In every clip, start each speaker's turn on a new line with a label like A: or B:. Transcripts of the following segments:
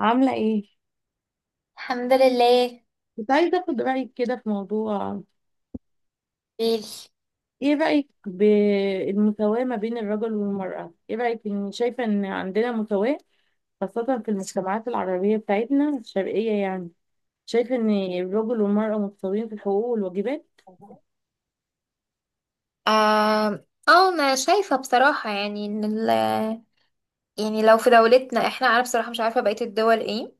A: عاملة ايه؟
B: الحمد لله.
A: كنت عايزة اخد رأيك كده في موضوع.
B: بيل.
A: ايه رأيك بالمساواة ما بين الرجل والمرأة؟ ايه رأيك ان شايفة ان عندنا مساواة، خاصة في المجتمعات العربية بتاعتنا الشرقية يعني، شايفة ان الرجل والمرأة متساويين في الحقوق والواجبات.
B: آه اه انا شايفة بصراحة يعني ان ال يعني لو في دولتنا انا بصراحة مش عارفة بقية الدول ايه،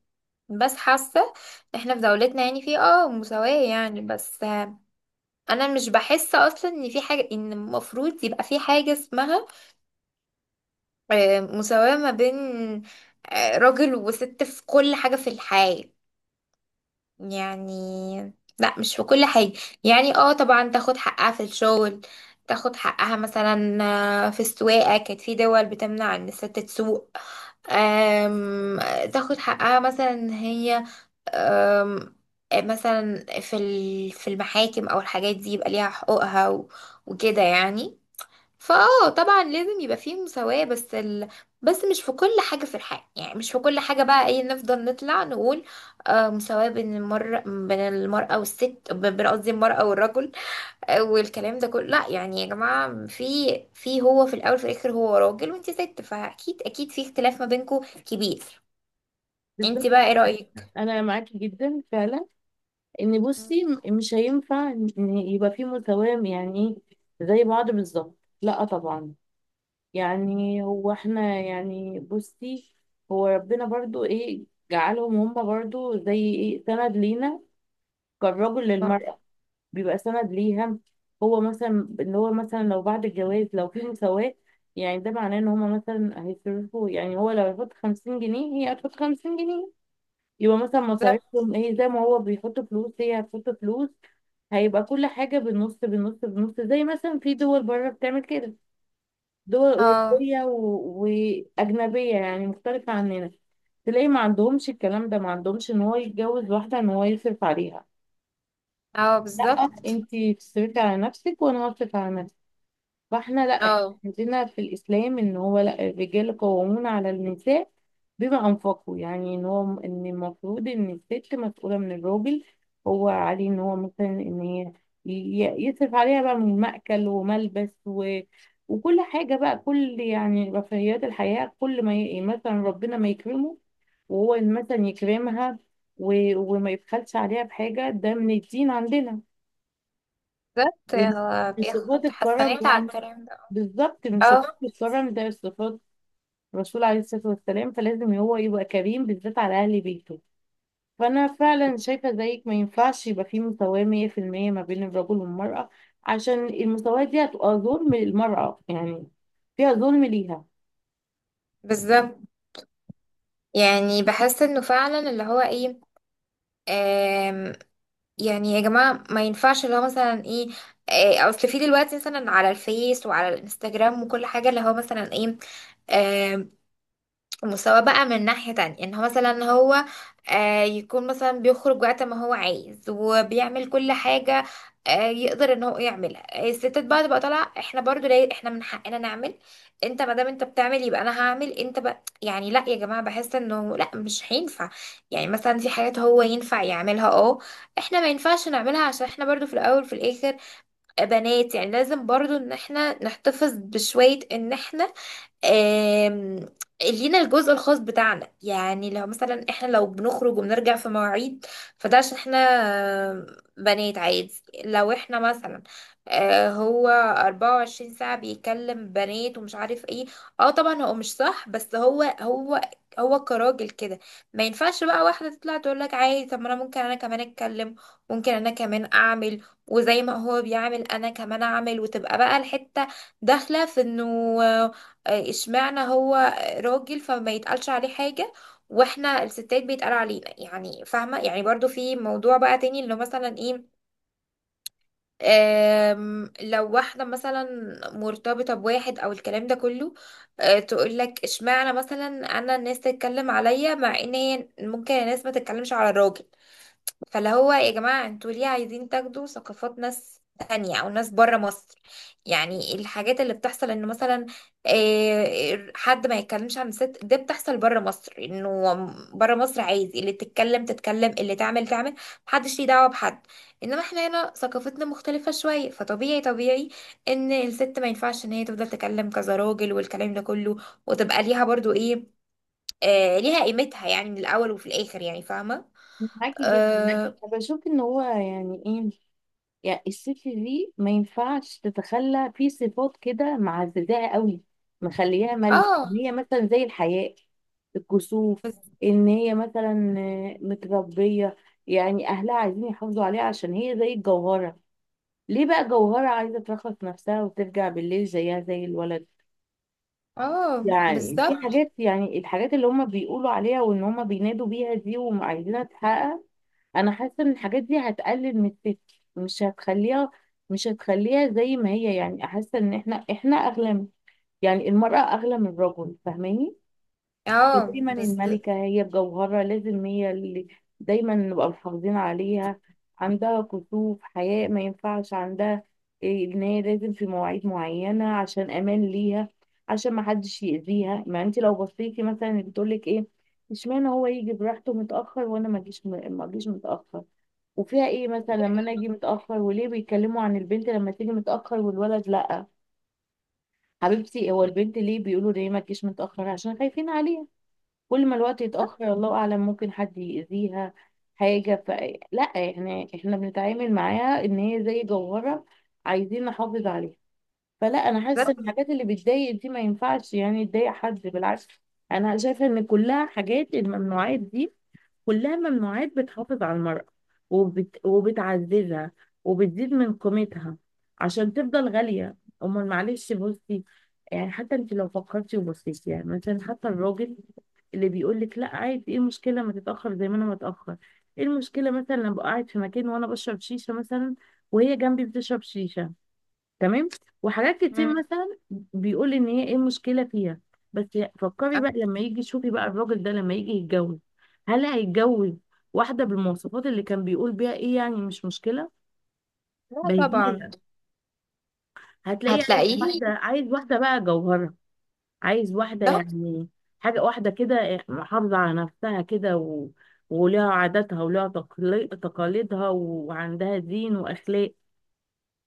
B: بس حاسة احنا في دولتنا يعني في مساواة يعني، بس انا مش بحس اصلا ان في حاجة، ان المفروض يبقى في حاجة اسمها مساواة ما بين راجل وست في كل حاجة في الحياة. يعني لا، مش في كل حاجة. يعني طبعا تاخد حقها في الشغل، تاخد حقها مثلا في السواقة، كانت في دول بتمنع ان الست تسوق. آم، تاخد حقها مثلا إن هي آم، مثلا في في المحاكم او الحاجات دي، يبقى ليها حقوقها وكده يعني. فاه طبعا لازم يبقى فيه مساواة، بس بس مش في كل حاجة في الحياة. يعني مش في كل حاجة بقى، ايه، نفضل نطلع نقول مساواة بين بين المرأة والست بين، قصدي، المرأة والرجل. والكلام ده كله، لا يعني يا جماعة، في هو، في الأول في الآخر، هو راجل وانت ست، فأكيد أكيد في اختلاف ما بينكم كبير. انت
A: بالظبط،
B: بقى ايه رأيك؟
A: انا معاكي جدا فعلا ان،
B: مم.
A: بصي، مش هينفع ان يبقى في مساواة يعني ايه، زي بعض بالظبط، لا طبعا. يعني هو احنا يعني بصي، هو ربنا برضو ايه، جعلهم هم برضو زي ايه سند لينا، كالرجل
B: اه،
A: للمرأة، بيبقى سند ليها. هو مثلا اللي هو مثلا، لو بعد الجواز لو في مساواة، يعني ده معناه ان هما مثلا هيصرفوا، يعني هو لو هيحط 50 جنيه هي هتحط 50 جنيه، يبقى مثلا
B: بالظبط.
A: مصاريفهم ايه، زي ما هو بيحط فلوس هي هتحط فلوس، هيبقى كل حاجة بالنص بالنص بالنص، زي مثلا في دول بره بتعمل كده، دول
B: اه
A: أوروبية وأجنبية يعني، مختلفة عننا. تلاقي ما عندهمش الكلام ده، ما عندهمش إن هو يتجوز واحدة إن هو يصرف عليها، لأ
B: بالظبط.
A: أنتي تصرفي على نفسك وأنا هصرف على نفسي. فاحنا لا، احنا
B: اه،
A: عندنا في الاسلام ان هو، لا، الرجال قوامون على النساء بما انفقوا، يعني ان هو ان المفروض ان الست مسؤوله من الراجل، هو عليه ان هو مثلا، ان هي، يصرف عليها بقى من مأكل وملبس وكل حاجه بقى، كل يعني رفاهيات الحياه، كل ما مثلا ربنا ما يكرمه وهو مثلا يكرمها، وما يبخلش عليها بحاجه، ده من الدين عندنا،
B: بالظبط.
A: من صفات
B: بياخد
A: الكرم
B: حسنات على
A: يعني.
B: الكلام ده.
A: بالظبط، من صفات
B: اه،
A: الكرم، ده صفات الرسول عليه الصلاة والسلام، فلازم هو يبقى كريم بالذات على أهل بيته. فأنا فعلا شايفة زيك، ما ينفعش يبقى في مساواة 100% ما بين الرجل والمرأة، عشان المساواة دي هتبقى ظلم للمرأة يعني، فيها ظلم ليها.
B: بالظبط. يعني بحس انه فعلا اللي هو ايه، آم، يعني يا جماعة ما ينفعش اللي هو مثلا ايه، اصل في دلوقتي مثلا على الفيس وعلى الانستجرام وكل حاجة، اللي هو مثلا ايه، مساواة بقى من ناحية تانية، ان هو مثلا هو آه يكون مثلا بيخرج وقت ما هو عايز وبيعمل كل حاجة، يقدر ان هو يعملها، الستات بقى تبقى طالعة، احنا برضو ليه، احنا من حقنا نعمل. انت ما دام انت بتعمل يبقى انا هعمل. انت بقى، يعني لا يا جماعة، بحس انه لا، مش هينفع. يعني مثلا في حاجات هو ينفع يعملها، اه، احنا ما ينفعش نعملها، عشان احنا برضو في الاول في الاخر بنات. يعني لازم برضو ان احنا نحتفظ بشوية، ان احنا آم، لينا الجزء الخاص بتاعنا. يعني لو مثلا احنا لو بنخرج وبنرجع في مواعيد، فده عشان احنا آم، بنات، عادي. لو احنا مثلا هو 24 ساعة بيكلم بنات ومش عارف ايه، اه طبعا هو مش صح، بس هو كراجل كده، ما ينفعش بقى واحدة تطلع تقول لك عادي، طب ما انا ممكن انا كمان اتكلم، ممكن انا كمان اعمل وزي ما هو بيعمل انا كمان اعمل، وتبقى بقى الحتة داخلة في انه اشمعنى هو راجل فما يتقالش عليه حاجة، واحنا الستات بيتقال علينا، يعني فاهمة. يعني برضو في موضوع بقى تاني اللي هو مثلا ايه، لو واحدة مثلا مرتبطة بواحد او الكلام ده كله، تقول لك اشمعنى مثلا انا الناس تتكلم عليا مع ان هي ممكن الناس ما تتكلمش على الراجل. فاللي هو يا جماعة، انتوا ليه عايزين تاخدوا ثقافات ناس تانية او ناس بره مصر؟ يعني الحاجات اللي بتحصل ان مثلا حد ما يتكلمش عن الست، ده بتحصل بره مصر، انه بره مصر عايز اللي تتكلم تتكلم، اللي تعمل تعمل، محدش ليه دعوة بحد. انما احنا هنا ثقافتنا مختلفة شوية، فطبيعي طبيعي ان الست ما ينفعش ان هي تفضل تتكلم كذا راجل والكلام ده كله. وتبقى ليها برضو ايه، ليها قيمتها يعني من الاول وفي الاخر، يعني فاهمة.
A: معاكي جدا.
B: آه.
A: أنا بشوف إن هو يعني إيه، يعني الست دي ما ينفعش تتخلى في صفات كده معززاها قوي، مخليها ملك،
B: اه.
A: ان هي مثلا زي الحياء، الكسوف، ان هي مثلا متربيه، يعني اهلها عايزين يحافظوا عليها عشان هي زي الجوهره. ليه بقى جوهره عايزه ترخص نفسها وترجع بالليل زيها زي الولد؟
B: اه،
A: يعني في
B: بالظبط.
A: حاجات، يعني الحاجات اللي هم بيقولوا عليها وان هم بينادوا بيها دي وعايزينها تتحقق، انا حاسه ان الحاجات دي هتقلل من الست، مش هتخليها مش هتخليها زي ما هي. يعني حاسه ان احنا اغلى يعني المراه اغلى من الرجل، فاهماني؟
B: اه،
A: دايما
B: بالظبط.
A: الملكه هي بجوهرها، لازم هي اللي دايما نبقى محافظين عليها، عندها كسوف، حياء، ما ينفعش عندها ان هي لازم في مواعيد معينه عشان امان ليها، عشان ما حدش يأذيها. ما انت لو بصيتي مثلا بتقولك ايه، اشمعنى هو يجي براحته متأخر وانا ما اجيش متأخر، وفيها ايه مثلا لما انا اجي متاخر، وليه بيتكلموا عن البنت لما تيجي متاخر والولد لا؟ حبيبتي، هو البنت ليه بيقولوا ليه ما تجيش متاخر؟ عشان خايفين عليها، كل ما الوقت يتاخر الله اعلم ممكن حد يأذيها حاجه. لا يعني احنا بنتعامل معاها ان هي زي جوهره، عايزين نحافظ عليها. فلا، انا حاسه ان الحاجات اللي بتضايق دي ما ينفعش يعني تضايق حد، بالعكس، انا شايفه ان كلها حاجات، الممنوعات دي كلها ممنوعات بتحافظ على المرأة، وبتعززها وبتزيد من قيمتها عشان تفضل غالية. أمال معلش، بصي، يعني حتى انت لو فكرتي وبصيتي يعني، مثلا حتى الراجل اللي بيقول لك لا عادي ايه المشكلة ما تتأخر زي ما انا متأخر، ايه المشكلة مثلا لما ابقى قاعد في مكان وانا بشرب شيشة مثلا وهي جنبي بتشرب شيشة، تمام، وحاجات كتير
B: مم.
A: مثلا بيقول ان هي ايه المشكله فيها، بس فكري بقى لما يجي، شوفي بقى الراجل ده لما يجي يتجوز، هل هيتجوز واحده بالمواصفات اللي كان بيقول بيها ايه يعني مش مشكله؟
B: لا
A: بديهي
B: طبعا.
A: هتلاقيه عايز
B: هتلاقيه.
A: واحده، عايز واحده بقى جوهره، عايز واحده
B: بالظبط.
A: يعني، حاجه واحده كده محافظه على نفسها كده، ولها عاداتها ولها تقاليدها وعندها دين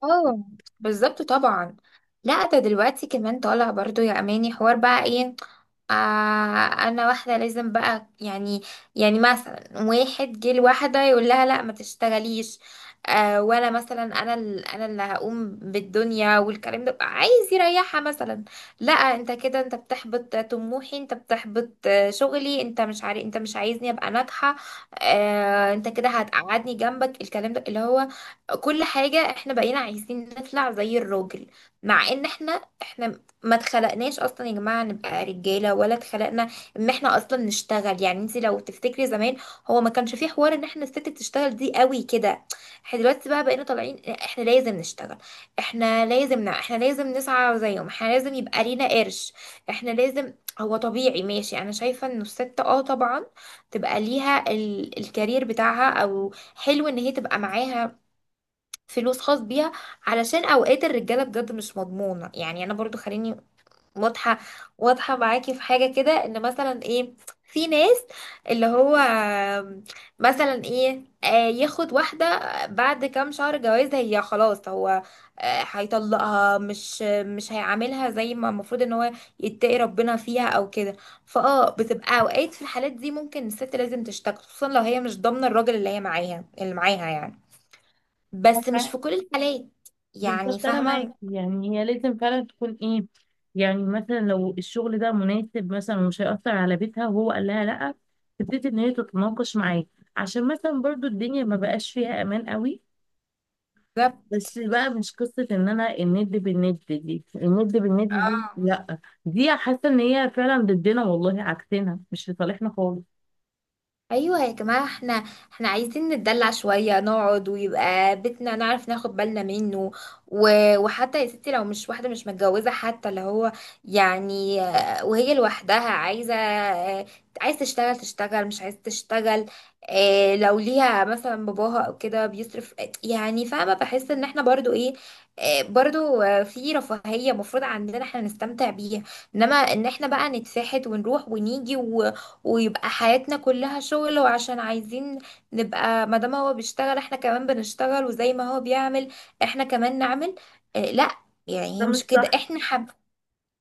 B: اه، بالظبط طبعا. لا، ده دلوقتي كمان طالع برضو يا اماني حوار بقى ايه، انا واحده لازم بقى يعني. يعني مثلا واحد جه لواحده يقول لها لا ما تشتغليش، ولا مثلا انا انا اللي هقوم بالدنيا والكلام ده، عايز يريحها مثلا. لا، انت كده انت بتحبط طموحي، انت بتحبط شغلي، انت مش عارف، انت مش عايزني ابقى ناجحه. انت كده هتقعدني جنبك، الكلام ده اللي هو كل حاجه احنا بقينا عايزين نطلع زي الراجل. مع ان احنا ما اتخلقناش اصلا يا جماعه نبقى رجاله، ولا اتخلقنا ان احنا اصلا نشتغل. يعني انت لو تفتكري زمان، هو ما كانش فيه حوار ان احنا الست بتشتغل دي قوي كده. احنا دلوقتي بقى بقينا طالعين احنا لازم نشتغل، احنا لازم احنا لازم نسعى زيهم، احنا لازم يبقى لينا قرش، احنا لازم... هو طبيعي، ماشي انا شايفه انه الست طبعا تبقى ليها الكارير بتاعها، او حلو ان هي تبقى معاها فلوس خاص بيها علشان اوقات الرجاله بجد مش مضمونه. يعني انا برضو، خليني واضحة. واضحة معاكي في حاجة كده، ان مثلا ايه، في ناس اللي هو مثلا ايه، ياخد واحدة بعد كام شهر جواز هي خلاص، هو هيطلقها، مش هيعاملها زي ما المفروض ان هو يتقي ربنا فيها او كده. فاه بتبقى اوقات في الحالات دي ممكن الست لازم تشتكي، خصوصا لو هي مش ضامنة الراجل اللي هي معاها، اللي معاها يعني. بس
A: واخلاق.
B: مش في كل الحالات. يعني
A: بالظبط، انا معاكي،
B: فاهمة.
A: يعني هي لازم فعلا تكون ايه، يعني مثلا لو الشغل ده مناسب مثلا ومش هيأثر على بيتها وهو قال لها لا، تبتدي ان هي تتناقش معاه، عشان مثلا برضو الدنيا ما بقاش فيها امان قوي،
B: ده.
A: بس بقى مش قصة ان انا الند بالند، دي الند بالند دي
B: اه.
A: لا، دي حاسة ان هي فعلا ضدنا والله، عكسنا مش لصالحنا خالص.
B: ايوه يا جماعه، احنا عايزين نتدلع شويه، نقعد ويبقى بيتنا نعرف ناخد بالنا منه و... وحتى يا ستي لو مش واحده مش متجوزه، حتى اللي هو يعني وهي لوحدها عايزه عايز تشتغل تشتغل، مش عايز تشتغل. لو ليها مثلا باباها او كده بيصرف، يعني فاهمه، بحس ان احنا برضو ايه، برضو في رفاهيه مفروض عندنا احنا نستمتع بيها. انما ان احنا بقى نتفحت ونروح ونيجي ويبقى حياتنا كلها شغل، وعشان عايزين نبقى ما دام هو بيشتغل احنا كمان بنشتغل، وزي ما هو بيعمل احنا كمان نعمل، اه لا. يعني
A: ده
B: هي
A: مش
B: مش كده،
A: صح.
B: احنا حب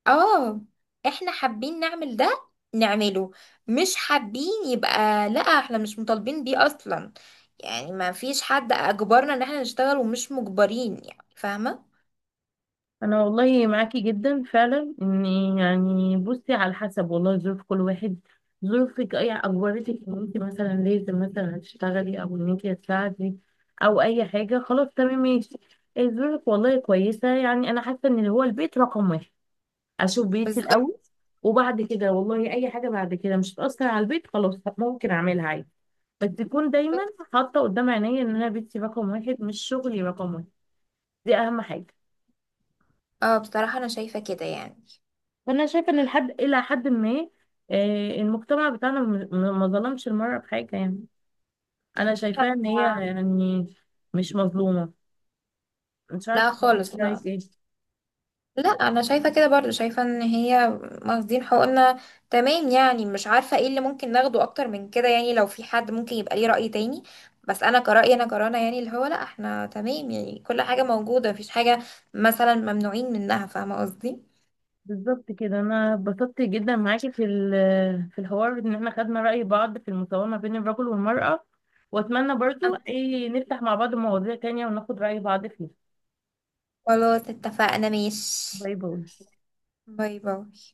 B: اه احنا حابين نعمل ده نعمله، مش حابين يبقى لا، احنا مش مطالبين بيه اصلا. يعني ما فيش حد اجبرنا ان احنا نشتغل، ومش مجبرين، يعني فاهمة.
A: انا والله معاكي جدا فعلا ان، يعني بصي، على حسب والله ظروف كل واحد، ظروفك اي اجبرتك ان انت مثلا لازم مثلا تشتغلي او ان انت تساعدي او اي حاجه، خلاص تمام ماشي. إيه، ظروفك والله كويسه، يعني انا حاسه ان هو البيت رقم واحد، اشوف
B: بس
A: بيتي
B: ده
A: الاول وبعد كده والله اي حاجه بعد كده مش هتاثر على البيت، خلاص ممكن اعملها عادي، بس تكون دايما حاطه قدام عينيا ان انا بيتي رقم واحد مش شغلي رقم واحد، دي اهم حاجه.
B: اه بصراحة انا شايفة كده يعني.
A: فانا شايفه ان لحد، الى حد ما، المجتمع بتاعنا ما ظلمش المرأة بحاجة يعني، انا شايفاها ان هي يعني مش مظلومة. مش عارفة
B: لا
A: بقى
B: خالص،
A: انت
B: لا،
A: رايك ايه.
B: لا انا شايفه كده برضو، شايفه ان هي واخدين حقوقنا تمام، يعني مش عارفه ايه اللي ممكن ناخده اكتر من كده. يعني لو في حد ممكن يبقى ليه رأي تاني، بس انا كرأيي، انا كرنا يعني، اللي هو لا احنا تمام، يعني كل حاجه موجوده، مفيش حاجه مثلا ممنوعين منها فاهمه قصدي.
A: بالظبط كده، انا اتبسطت جدا معاكي في في الحوار ان احنا خدنا رأي بعض في المساواة ما بين الرجل والمرأة، واتمنى برضو
B: أم-
A: ايه نفتح مع بعض مواضيع تانية وناخد رأي بعض فيها.
B: خلاص اتفقنا ماشي.
A: باي باي.
B: باي باي.